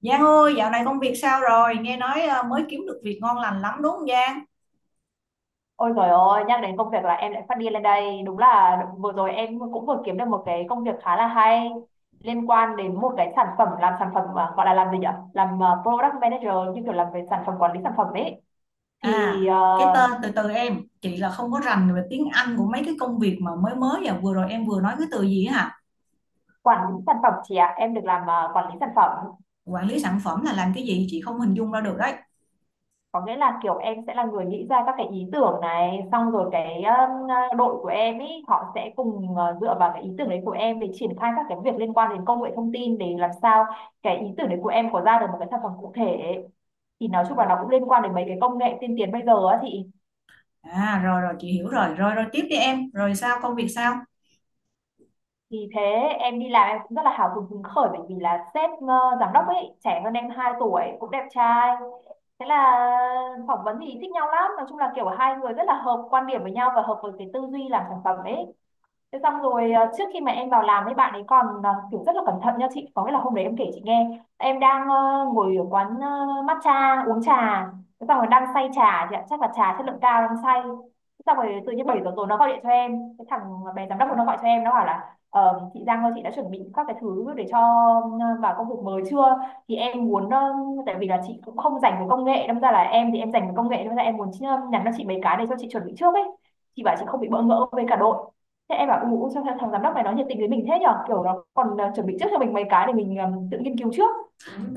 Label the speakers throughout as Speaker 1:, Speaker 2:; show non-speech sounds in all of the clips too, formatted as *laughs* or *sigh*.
Speaker 1: Giang ơi, dạo này công việc sao rồi? Nghe nói mới kiếm được việc ngon lành lắm đúng không Giang?
Speaker 2: Ôi trời ơi, nhắc đến công việc là em lại phát điên lên đây. Đúng là vừa rồi em cũng vừa kiếm được một cái công việc khá là hay liên quan đến một cái sản phẩm làm sản phẩm mà gọi là làm gì nhỉ? Làm product manager như kiểu làm về sản phẩm quản lý sản phẩm ấy. Thì
Speaker 1: À, cái tên từ từ em, chị là không có rành về tiếng Anh của mấy cái công việc mà mới mới và vừa rồi em vừa nói cái từ gì á hả?
Speaker 2: quản lý sản phẩm chị ạ, em được làm quản lý sản phẩm.
Speaker 1: Quản lý sản phẩm là làm cái gì chị không hình dung ra được đấy.
Speaker 2: Có nghĩa là kiểu em sẽ là người nghĩ ra các cái ý tưởng này xong rồi cái đội của em ý họ sẽ cùng dựa vào cái ý tưởng đấy của em để triển khai các cái việc liên quan đến công nghệ thông tin để làm sao cái ý tưởng đấy của em có ra được một cái sản phẩm cụ thể, thì nói chung là nó cũng liên quan đến mấy cái công nghệ tiên tiến bây giờ á, thì ý.
Speaker 1: À, rồi rồi chị hiểu rồi, rồi rồi tiếp đi em, rồi sao công việc sao?
Speaker 2: Vì thế em đi làm em cũng rất là hào hứng hứng khởi bởi vì là sếp giám đốc ấy trẻ hơn em 2 tuổi cũng đẹp trai. Thế là phỏng vấn thì thích nhau lắm, nói chung là kiểu hai người rất là hợp quan điểm với nhau và hợp với cái tư duy làm sản phẩm ấy. Thế xong rồi trước khi mà em vào làm ấy bạn ấy còn kiểu rất là cẩn thận nha chị, có nghĩa là hôm đấy em kể chị nghe em đang ngồi ở quán matcha uống trà, thế xong rồi đang say trà chị ạ, chắc là trà chất lượng cao đang say. Thế xong rồi tự nhiên 7 giờ tối nó gọi điện cho em, cái thằng bé giám đốc nó gọi cho em nó bảo là chị Giang ơi chị đã chuẩn bị các cái thứ để cho vào công việc mới chưa, thì em muốn tại vì là chị cũng không dành về công nghệ đâm ra là em thì em dành về công nghệ đâm ra em muốn nhắn cho chị mấy cái để cho chị chuẩn bị trước ấy chị bảo chị không bị bỡ ngỡ với cả đội. Thế em bảo ủ sao thằng, giám đốc này nó nhiệt tình với mình thế nhở, kiểu nó còn chuẩn bị trước cho mình mấy cái để mình tự nghiên cứu trước,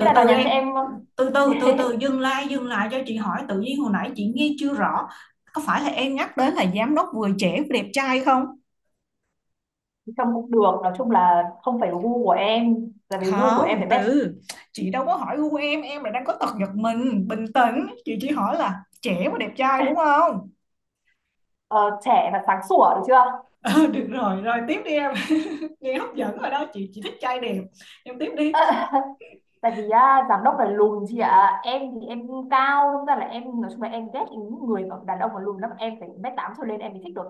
Speaker 2: thế là nó
Speaker 1: từ
Speaker 2: nhắn
Speaker 1: em,
Speaker 2: cho em *laughs*
Speaker 1: từ từ dừng lại cho chị hỏi, tự nhiên hồi nãy chị nghe chưa rõ. Có phải là em nhắc đến là giám đốc vừa trẻ vừa đẹp trai không?
Speaker 2: trông cũng được, nói chung là không phải gu của em là vì gu của em
Speaker 1: Không,
Speaker 2: phải bét
Speaker 1: từ chị đâu có hỏi gu em là đang có tật giật mình, bình tĩnh, chị chỉ hỏi là trẻ và đẹp trai đúng không? *laughs*
Speaker 2: ờ, trẻ và sáng sủa được chưa.
Speaker 1: Ờ, được rồi, rồi tiếp đi em. *laughs* Nghe hấp dẫn rồi đó, chị thích trai đẹp, em tiếp đi.
Speaker 2: Tại vì á, giám đốc là lùn chị ạ, em thì em cao, đúng ra là em nói chung là em ghét những người mà đàn ông mà lùn lắm, em phải 1m8 trở lên em mới thích được.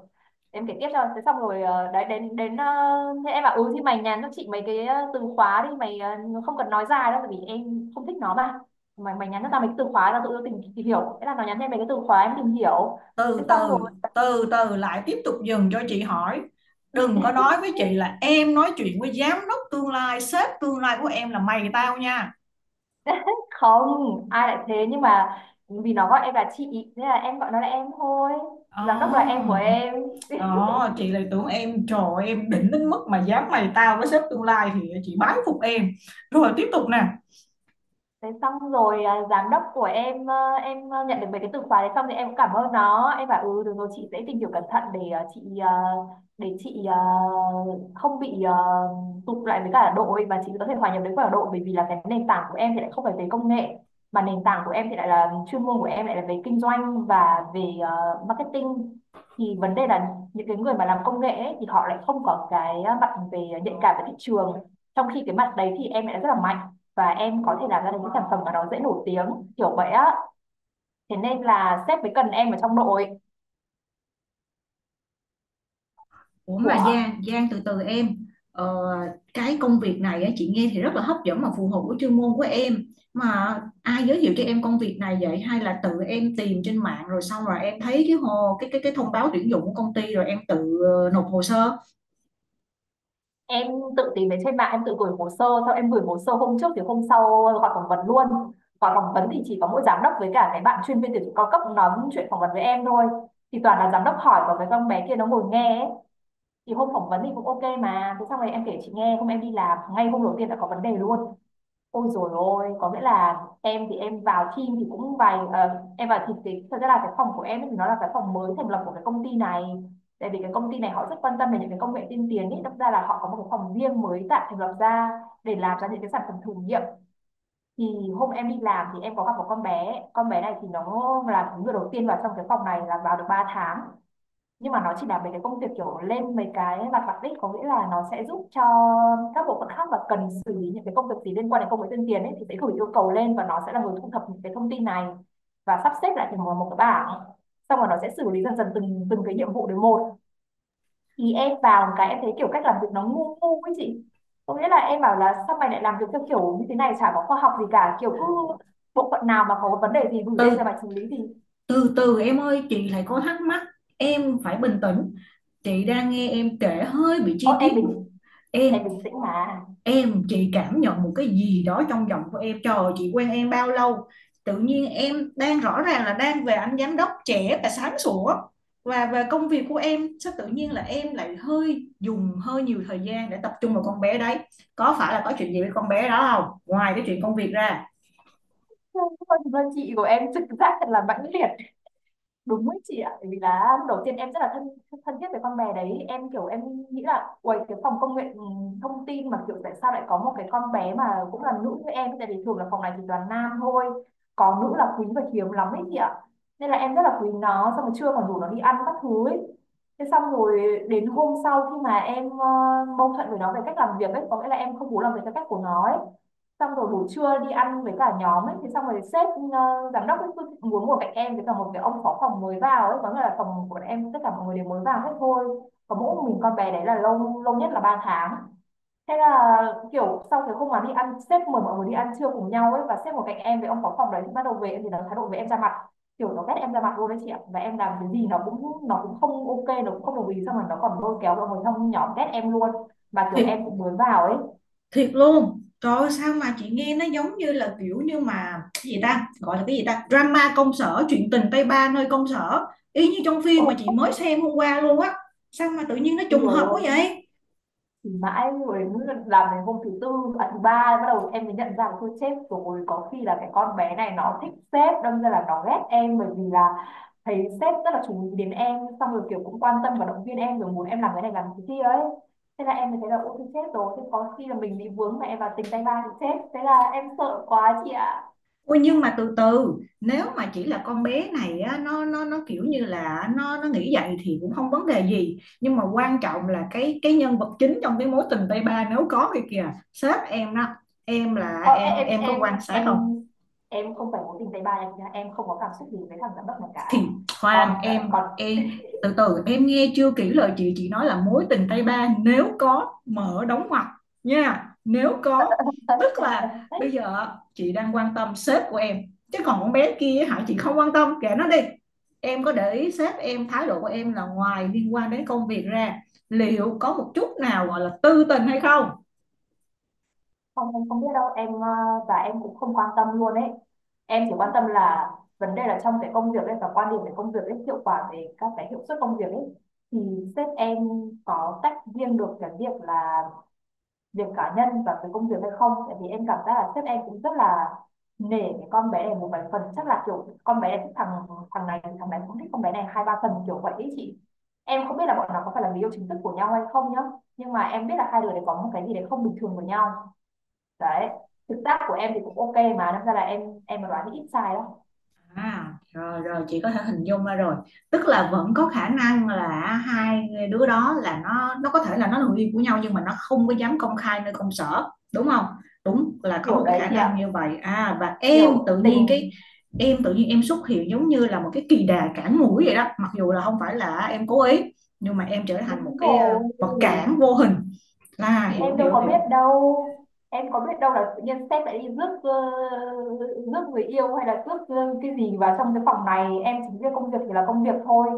Speaker 2: Em kể tiếp cho, thế xong rồi đấy đến đến thế em bảo ừ thì mày nhắn cho chị mấy cái từ khóa đi mày không cần nói dài đâu tại vì em không thích nó mà, mày mày nhắn cho tao mấy cái từ khóa là tụi tao tìm hiểu, thế là nó nhắn cho em mấy cái từ khóa em tìm hiểu. Thế
Speaker 1: từ
Speaker 2: xong rồi
Speaker 1: từ từ từ lại tiếp tục dừng cho chị hỏi, đừng có
Speaker 2: *laughs*
Speaker 1: nói với chị là em nói chuyện với giám đốc tương lai, sếp tương lai của em là mày tao nha.
Speaker 2: không ai lại thế, nhưng mà vì nó gọi em là chị thế là em gọi nó là em thôi, giám đốc là em của
Speaker 1: Oh,
Speaker 2: em.
Speaker 1: chị lại tưởng em, trời ơi, em đỉnh đến mức mà dám mày tao với sếp tương lai thì chị bái phục em. Rồi tiếp tục nè.
Speaker 2: Thế xong rồi à, giám đốc của em em nhận được mấy cái từ khóa đấy xong thì em cũng cảm ơn nó, em bảo ừ được rồi chị sẽ tìm hiểu cẩn thận để chị để chị không bị tụt lại với cả đội và chị có thể hòa nhập với cả đội, bởi vì là cái nền tảng của em thì lại không phải về công nghệ mà nền tảng của em thì lại là chuyên môn của em lại là về kinh doanh và về marketing. Thì vấn đề là những cái người mà làm công nghệ ấy, thì họ lại không có cái mặt về nhạy cảm với thị trường, trong khi cái mặt đấy thì em lại rất là mạnh và em có thể làm ra được những sản phẩm mà nó dễ nổi tiếng kiểu vậy á, thế nên là sếp mới cần em ở trong đội
Speaker 1: Ủa mà
Speaker 2: của
Speaker 1: Giang, Giang từ từ em, ờ, cái công việc này á, chị nghe thì rất là hấp dẫn mà phù hợp với chuyên môn của em, mà ai giới thiệu cho em công việc này vậy, hay là tự em tìm trên mạng rồi xong rồi em thấy cái hồ, cái thông báo tuyển dụng của công ty rồi em tự nộp hồ sơ?
Speaker 2: em. Tự tìm đến trên mạng em tự gửi hồ sơ, sau em gửi hồ sơ hôm trước thì hôm sau gọi phỏng vấn luôn, gọi phỏng vấn thì chỉ có mỗi giám đốc với cả cái bạn chuyên viên tuyển dụng cao cấp nói chuyện phỏng vấn với em thôi, thì toàn là giám đốc hỏi và cái con bé kia nó ngồi nghe ấy. Thì hôm phỏng vấn thì cũng ok mà, thế xong rồi em kể chị nghe hôm em đi làm ngay hôm đầu tiên đã có vấn đề luôn. Ôi dồi ôi, có nghĩa là em thì em vào team thì cũng vài em vào thì cái thật ra là cái phòng của em ấy thì nó là cái phòng mới thành lập của cái công ty này. Tại vì cái công ty này họ rất quan tâm về những cái công nghệ tiên tiến ấy, đâm ra là họ có một cái phòng riêng mới tạo thành lập ra để làm ra những cái sản phẩm thử nghiệm. Thì hôm em đi làm thì em có gặp một con bé này thì nó là người đầu tiên vào trong cái phòng này là vào được 3 tháng, nhưng mà nó chỉ là mấy cái công việc kiểu lên mấy cái mặt mặt đích, có nghĩa là nó sẽ giúp cho các bộ phận khác và cần xử lý những cái công việc gì liên quan đến công nghệ tuyên truyền ấy thì sẽ gửi yêu cầu lên và nó sẽ là người thu thập những cái thông tin này và sắp xếp lại thành một một cái bảng, xong rồi nó sẽ xử lý dần dần từng từng cái nhiệm vụ đến một. Thì em vào một cái em thấy kiểu cách làm việc nó ngu ngu ấy chị, có nghĩa là em bảo là sao mày lại làm việc theo kiểu như thế này chả có khoa học gì cả, kiểu cứ bộ phận nào mà có vấn đề gì gửi lên cho
Speaker 1: từ
Speaker 2: mày xử lý thì
Speaker 1: từ từ em ơi, chị lại có thắc mắc, em phải bình tĩnh, chị đang nghe em kể hơi bị
Speaker 2: ô
Speaker 1: chi tiết
Speaker 2: em
Speaker 1: em.
Speaker 2: bình tĩnh mà.
Speaker 1: Em, chị cảm nhận một cái gì đó trong giọng của em. Trời ơi, chị quen em bao lâu? Tự nhiên em đang rõ ràng là đang về anh giám đốc trẻ và sáng sủa. Và về công việc của em, sao tự nhiên là em lại hơi dùng hơi nhiều thời gian để tập trung vào con bé đấy. Có phải là có chuyện gì với con bé đó không? Ngoài cái chuyện công việc ra.
Speaker 2: Không, không, thực ra chị của em trực giác thật là mãnh liệt đúng với chị ạ, bởi vì là lúc đầu tiên em rất là thân thân thiết với con bé đấy, em kiểu em nghĩ là uầy cái phòng công nghệ thông tin mà kiểu tại sao lại có một cái con bé mà cũng là nữ như em, tại vì thường là phòng này thì toàn nam thôi, có nữ là quý và hiếm lắm ấy chị ạ, nên là em rất là quý nó xong rồi trưa còn rủ nó đi ăn các thứ ấy. Thế xong rồi đến hôm sau khi mà em mâu thuẫn với nó về cách làm việc ấy, có nghĩa là em không muốn làm việc theo cách của nó ấy, xong rồi buổi trưa đi ăn với cả nhóm ấy thì xong rồi sếp ờ, giám đốc ấy cứ muốn ngồi cạnh em với cả một cái ông phó phòng mới vào ấy, có nghĩa là phòng của em tất cả mọi người đều mới vào hết thôi, có mỗi mình con bé đấy là lâu lâu nhất là 3 tháng. Thế là kiểu sau cái hôm mà đi ăn sếp mời mọi người đi ăn trưa cùng nhau ấy và sếp ngồi cạnh em với ông phó phòng đấy thì bắt đầu về thì nó thái độ với em ra mặt, kiểu nó ghét em ra mặt luôn đấy chị ạ, và em làm cái gì nó cũng không ok, nó cũng không đồng ý, xong rồi nó còn lôi kéo mọi người trong nhóm ghét em luôn, mà kiểu em
Speaker 1: Thì
Speaker 2: cũng mới vào ấy.
Speaker 1: thiệt luôn trời ơi, sao mà chị nghe nó giống như là kiểu như mà cái gì ta gọi là cái gì ta drama công sở, chuyện tình tay ba nơi công sở, y như trong phim mà chị mới xem hôm qua luôn á, sao mà tự nhiên nó trùng hợp quá
Speaker 2: Ôi
Speaker 1: vậy.
Speaker 2: thì mãi rồi đấy, làm đến hôm thứ tư, à thứ ba bắt đầu em mới nhận ra là thôi chết rồi có khi là cái con bé này nó thích sếp đâm ra là nó ghét em, bởi vì là thấy sếp rất là chú ý đến em xong rồi kiểu cũng quan tâm và động viên em rồi muốn em làm cái này làm cái kia ấy. Thế là em mới thấy là ôi thôi chết rồi, thế có khi là mình bị vướng mà em vào tình tay ba thì chết, thế là em sợ quá chị ạ.
Speaker 1: Ôi nhưng mà từ từ, nếu mà chỉ là con bé này á, nó kiểu như là nó nghĩ vậy thì cũng không vấn đề gì, nhưng mà quan trọng là cái nhân vật chính trong cái mối tình tay ba nếu có thì kìa, sếp em đó, em là
Speaker 2: ờ, em
Speaker 1: em có
Speaker 2: em
Speaker 1: quan sát
Speaker 2: em
Speaker 1: không?
Speaker 2: em em không phải mối tình tay ba nha, em không có cảm xúc gì với thằng giám đốc này cả.
Speaker 1: Thì
Speaker 2: còn
Speaker 1: khoan em
Speaker 2: còn
Speaker 1: em từ từ em nghe chưa kỹ lời chị nói là mối tình tay ba nếu có, mở đóng ngoặc nha, nếu có. Tức là
Speaker 2: *laughs*
Speaker 1: bây giờ chị đang quan tâm sếp của em, chứ còn con bé kia hả chị không quan tâm, kệ nó đi. Em có để ý sếp em, thái độ của em là ngoài liên quan đến công việc ra, liệu có một chút nào gọi là tư tình hay không?
Speaker 2: Không, em không biết đâu em và em cũng không quan tâm luôn ấy. Em chỉ quan tâm là vấn đề là trong cái công việc ấy và quan điểm về công việc ấy, hiệu quả về các cái hiệu suất công việc ấy thì sếp em có tách riêng được cái việc là việc cá nhân và cái công việc hay không, tại vì em cảm giác là sếp em cũng rất là nể cái con bé này một vài phần, chắc là kiểu con bé này thích thằng thằng này cũng thích con bé này hai ba phần kiểu vậy ấy chị. Em không biết là bọn nó có phải là người yêu chính thức của nhau hay không nhá, nhưng mà em biết là hai đứa đấy có một cái gì đấy không bình thường với nhau đấy. Thực tác của em thì cũng ok, mà đâm ra là em mà đoán thì ít sai đó.
Speaker 1: À, rồi rồi chị có thể hình dung ra rồi, tức là vẫn có khả năng là hai đứa đó là nó có thể là nó là người yêu của nhau nhưng mà nó không có dám công khai nơi công sở đúng không? Đúng là có
Speaker 2: Kiểu
Speaker 1: một cái
Speaker 2: đấy
Speaker 1: khả
Speaker 2: chị
Speaker 1: năng
Speaker 2: ạ,
Speaker 1: như vậy. À, và em
Speaker 2: kiểu
Speaker 1: tự nhiên
Speaker 2: tình.
Speaker 1: cái, em tự nhiên em xuất hiện giống như là một cái kỳ đà cản mũi vậy đó, mặc dù là không phải là em cố ý, nhưng mà em trở thành một
Speaker 2: Đúng
Speaker 1: cái
Speaker 2: rồi.
Speaker 1: vật cản vô hình, là
Speaker 2: Thì
Speaker 1: hiểu
Speaker 2: em đâu
Speaker 1: hiểu
Speaker 2: có
Speaker 1: hiểu.
Speaker 2: biết đâu, em có biết đâu là tự nhiên sếp lại đi rước rước người yêu hay là rước cái gì vào trong cái phòng này. Em chỉ biết công việc thì là công việc thôi.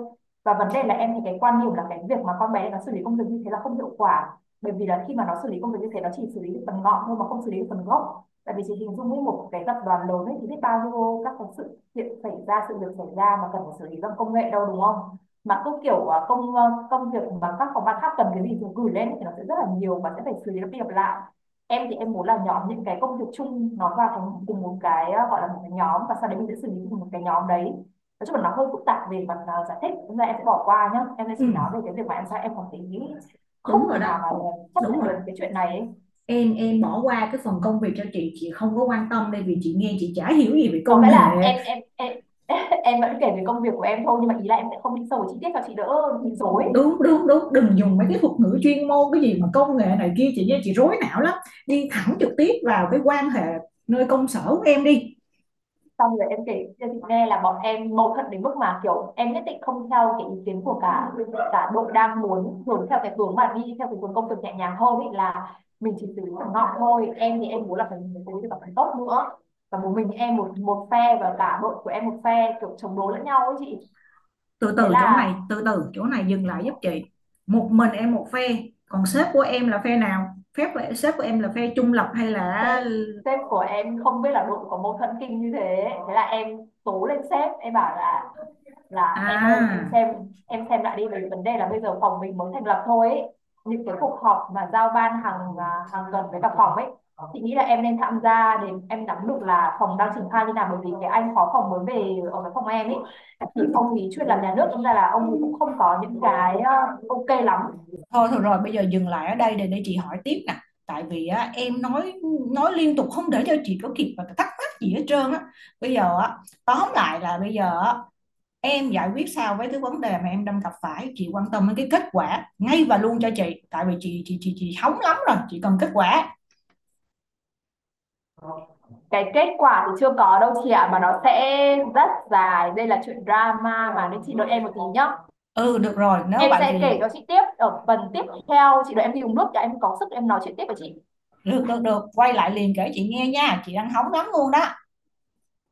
Speaker 2: Và vấn đề là em thì cái quan điểm là cái việc mà con bé nó xử lý công việc như thế là không hiệu quả, bởi vì là khi mà nó xử lý công việc như thế nó chỉ xử lý được phần ngọn thôi mà không xử lý được phần gốc. Tại vì chị hình dung, với một cái tập đoàn lớn ấy thì biết bao nhiêu các cái sự kiện xảy ra, sự việc xảy ra mà cần phải xử lý bằng công nghệ đâu, đúng không? Mà cứ kiểu công công việc mà các phòng ban khác cần cái gì thì gửi lên thì nó sẽ rất là nhiều và sẽ phải xử lý nó đi lặp lại. Em thì em muốn là nhóm những cái công việc chung nó vào thành cùng một cái, gọi là một cái nhóm, và sau đấy mình sẽ xử lý cùng một cái nhóm đấy. Nói chung là nó hơi phức tạp về mặt, giải thích, nên là em sẽ bỏ qua nhá. Em sẽ
Speaker 1: Ừ.
Speaker 2: chỉ nói về cái việc mà em sao em còn thấy không
Speaker 1: Đúng rồi
Speaker 2: thể nào
Speaker 1: đó.
Speaker 2: mà chấp
Speaker 1: Đúng
Speaker 2: nhận
Speaker 1: rồi đó,
Speaker 2: được cái chuyện này ấy.
Speaker 1: em bỏ qua cái phần công việc cho chị không có quan tâm đây vì chị nghe chị chả hiểu gì về
Speaker 2: Có
Speaker 1: công
Speaker 2: nghĩa là
Speaker 1: nghệ.
Speaker 2: em *laughs* em vẫn kể về công việc của em thôi, nhưng mà ý là em sẽ không đi sâu vào chi tiết cho chị đỡ bị rối.
Speaker 1: Đúng đúng đúng, đừng dùng mấy cái thuật ngữ chuyên môn cái gì mà công nghệ này kia chị nghe chị rối não lắm, đi thẳng trực tiếp vào cái quan hệ nơi công sở của em đi.
Speaker 2: Xong rồi em kể cho chị nghe là bọn em mâu thuẫn đến mức mà kiểu em nhất định không theo cái ý kiến của cả cả đội. Đang muốn hướng theo cái hướng mà đi theo cái hướng công việc nhẹ nhàng hơn, ý là mình chỉ xử lý thằng ngọn thôi, em thì em muốn là phải xử lý được cả tốt nữa. Và một mình em một một phe, và cả đội của em một phe, kiểu chống đối lẫn nhau ấy chị.
Speaker 1: Từ
Speaker 2: Thế
Speaker 1: từ chỗ
Speaker 2: là
Speaker 1: này, từ từ chỗ này dừng lại giúp chị, một mình em một phe, còn sếp của em là phe nào, phép của sếp của em là phe trung lập hay là
Speaker 2: sếp sếp của em không biết là đội có mâu thuẫn kinh như thế, thế là em tố lên. Sếp em bảo là em ơi, em
Speaker 1: à.
Speaker 2: xem, em xem lại đi, bởi vì vấn đề là bây giờ phòng mình mới thành lập thôi ấy. Những cái cuộc họp mà giao ban hàng tuần với cả phòng ấy, chị nghĩ là em nên tham gia để em nắm được là phòng đang triển khai như nào, bởi vì cái anh phó phòng mới về ở cái phòng em ấy thì ông ý chuyên làm nhà nước, đâm ra là ông ấy cũng không có những cái ok lắm.
Speaker 1: Thôi thôi rồi bây giờ dừng lại ở đây để chị hỏi tiếp nè. Tại vì á, em nói liên tục không để cho chị có kịp và thắc mắc gì hết trơn á. Bây giờ á, tóm lại là bây giờ á, em giải quyết sao với cái vấn đề mà em đang gặp phải, chị quan tâm đến cái kết quả ngay và luôn cho chị. Tại vì chị hóng lắm rồi, chị cần kết quả.
Speaker 2: Cái kết quả thì chưa có đâu chị ạ, mà nó sẽ rất dài, đây là chuyện drama mà, nên chị đợi em một tí nhá.
Speaker 1: Ừ được rồi, nếu
Speaker 2: Em
Speaker 1: vậy
Speaker 2: sẽ
Speaker 1: thì
Speaker 2: kể cho chị tiếp ở phần tiếp theo, chị đợi em đi uống nước cả em có sức em nói chuyện tiếp với chị.
Speaker 1: được được được, quay lại liền kể chị nghe nha, chị đang hóng lắm luôn đó.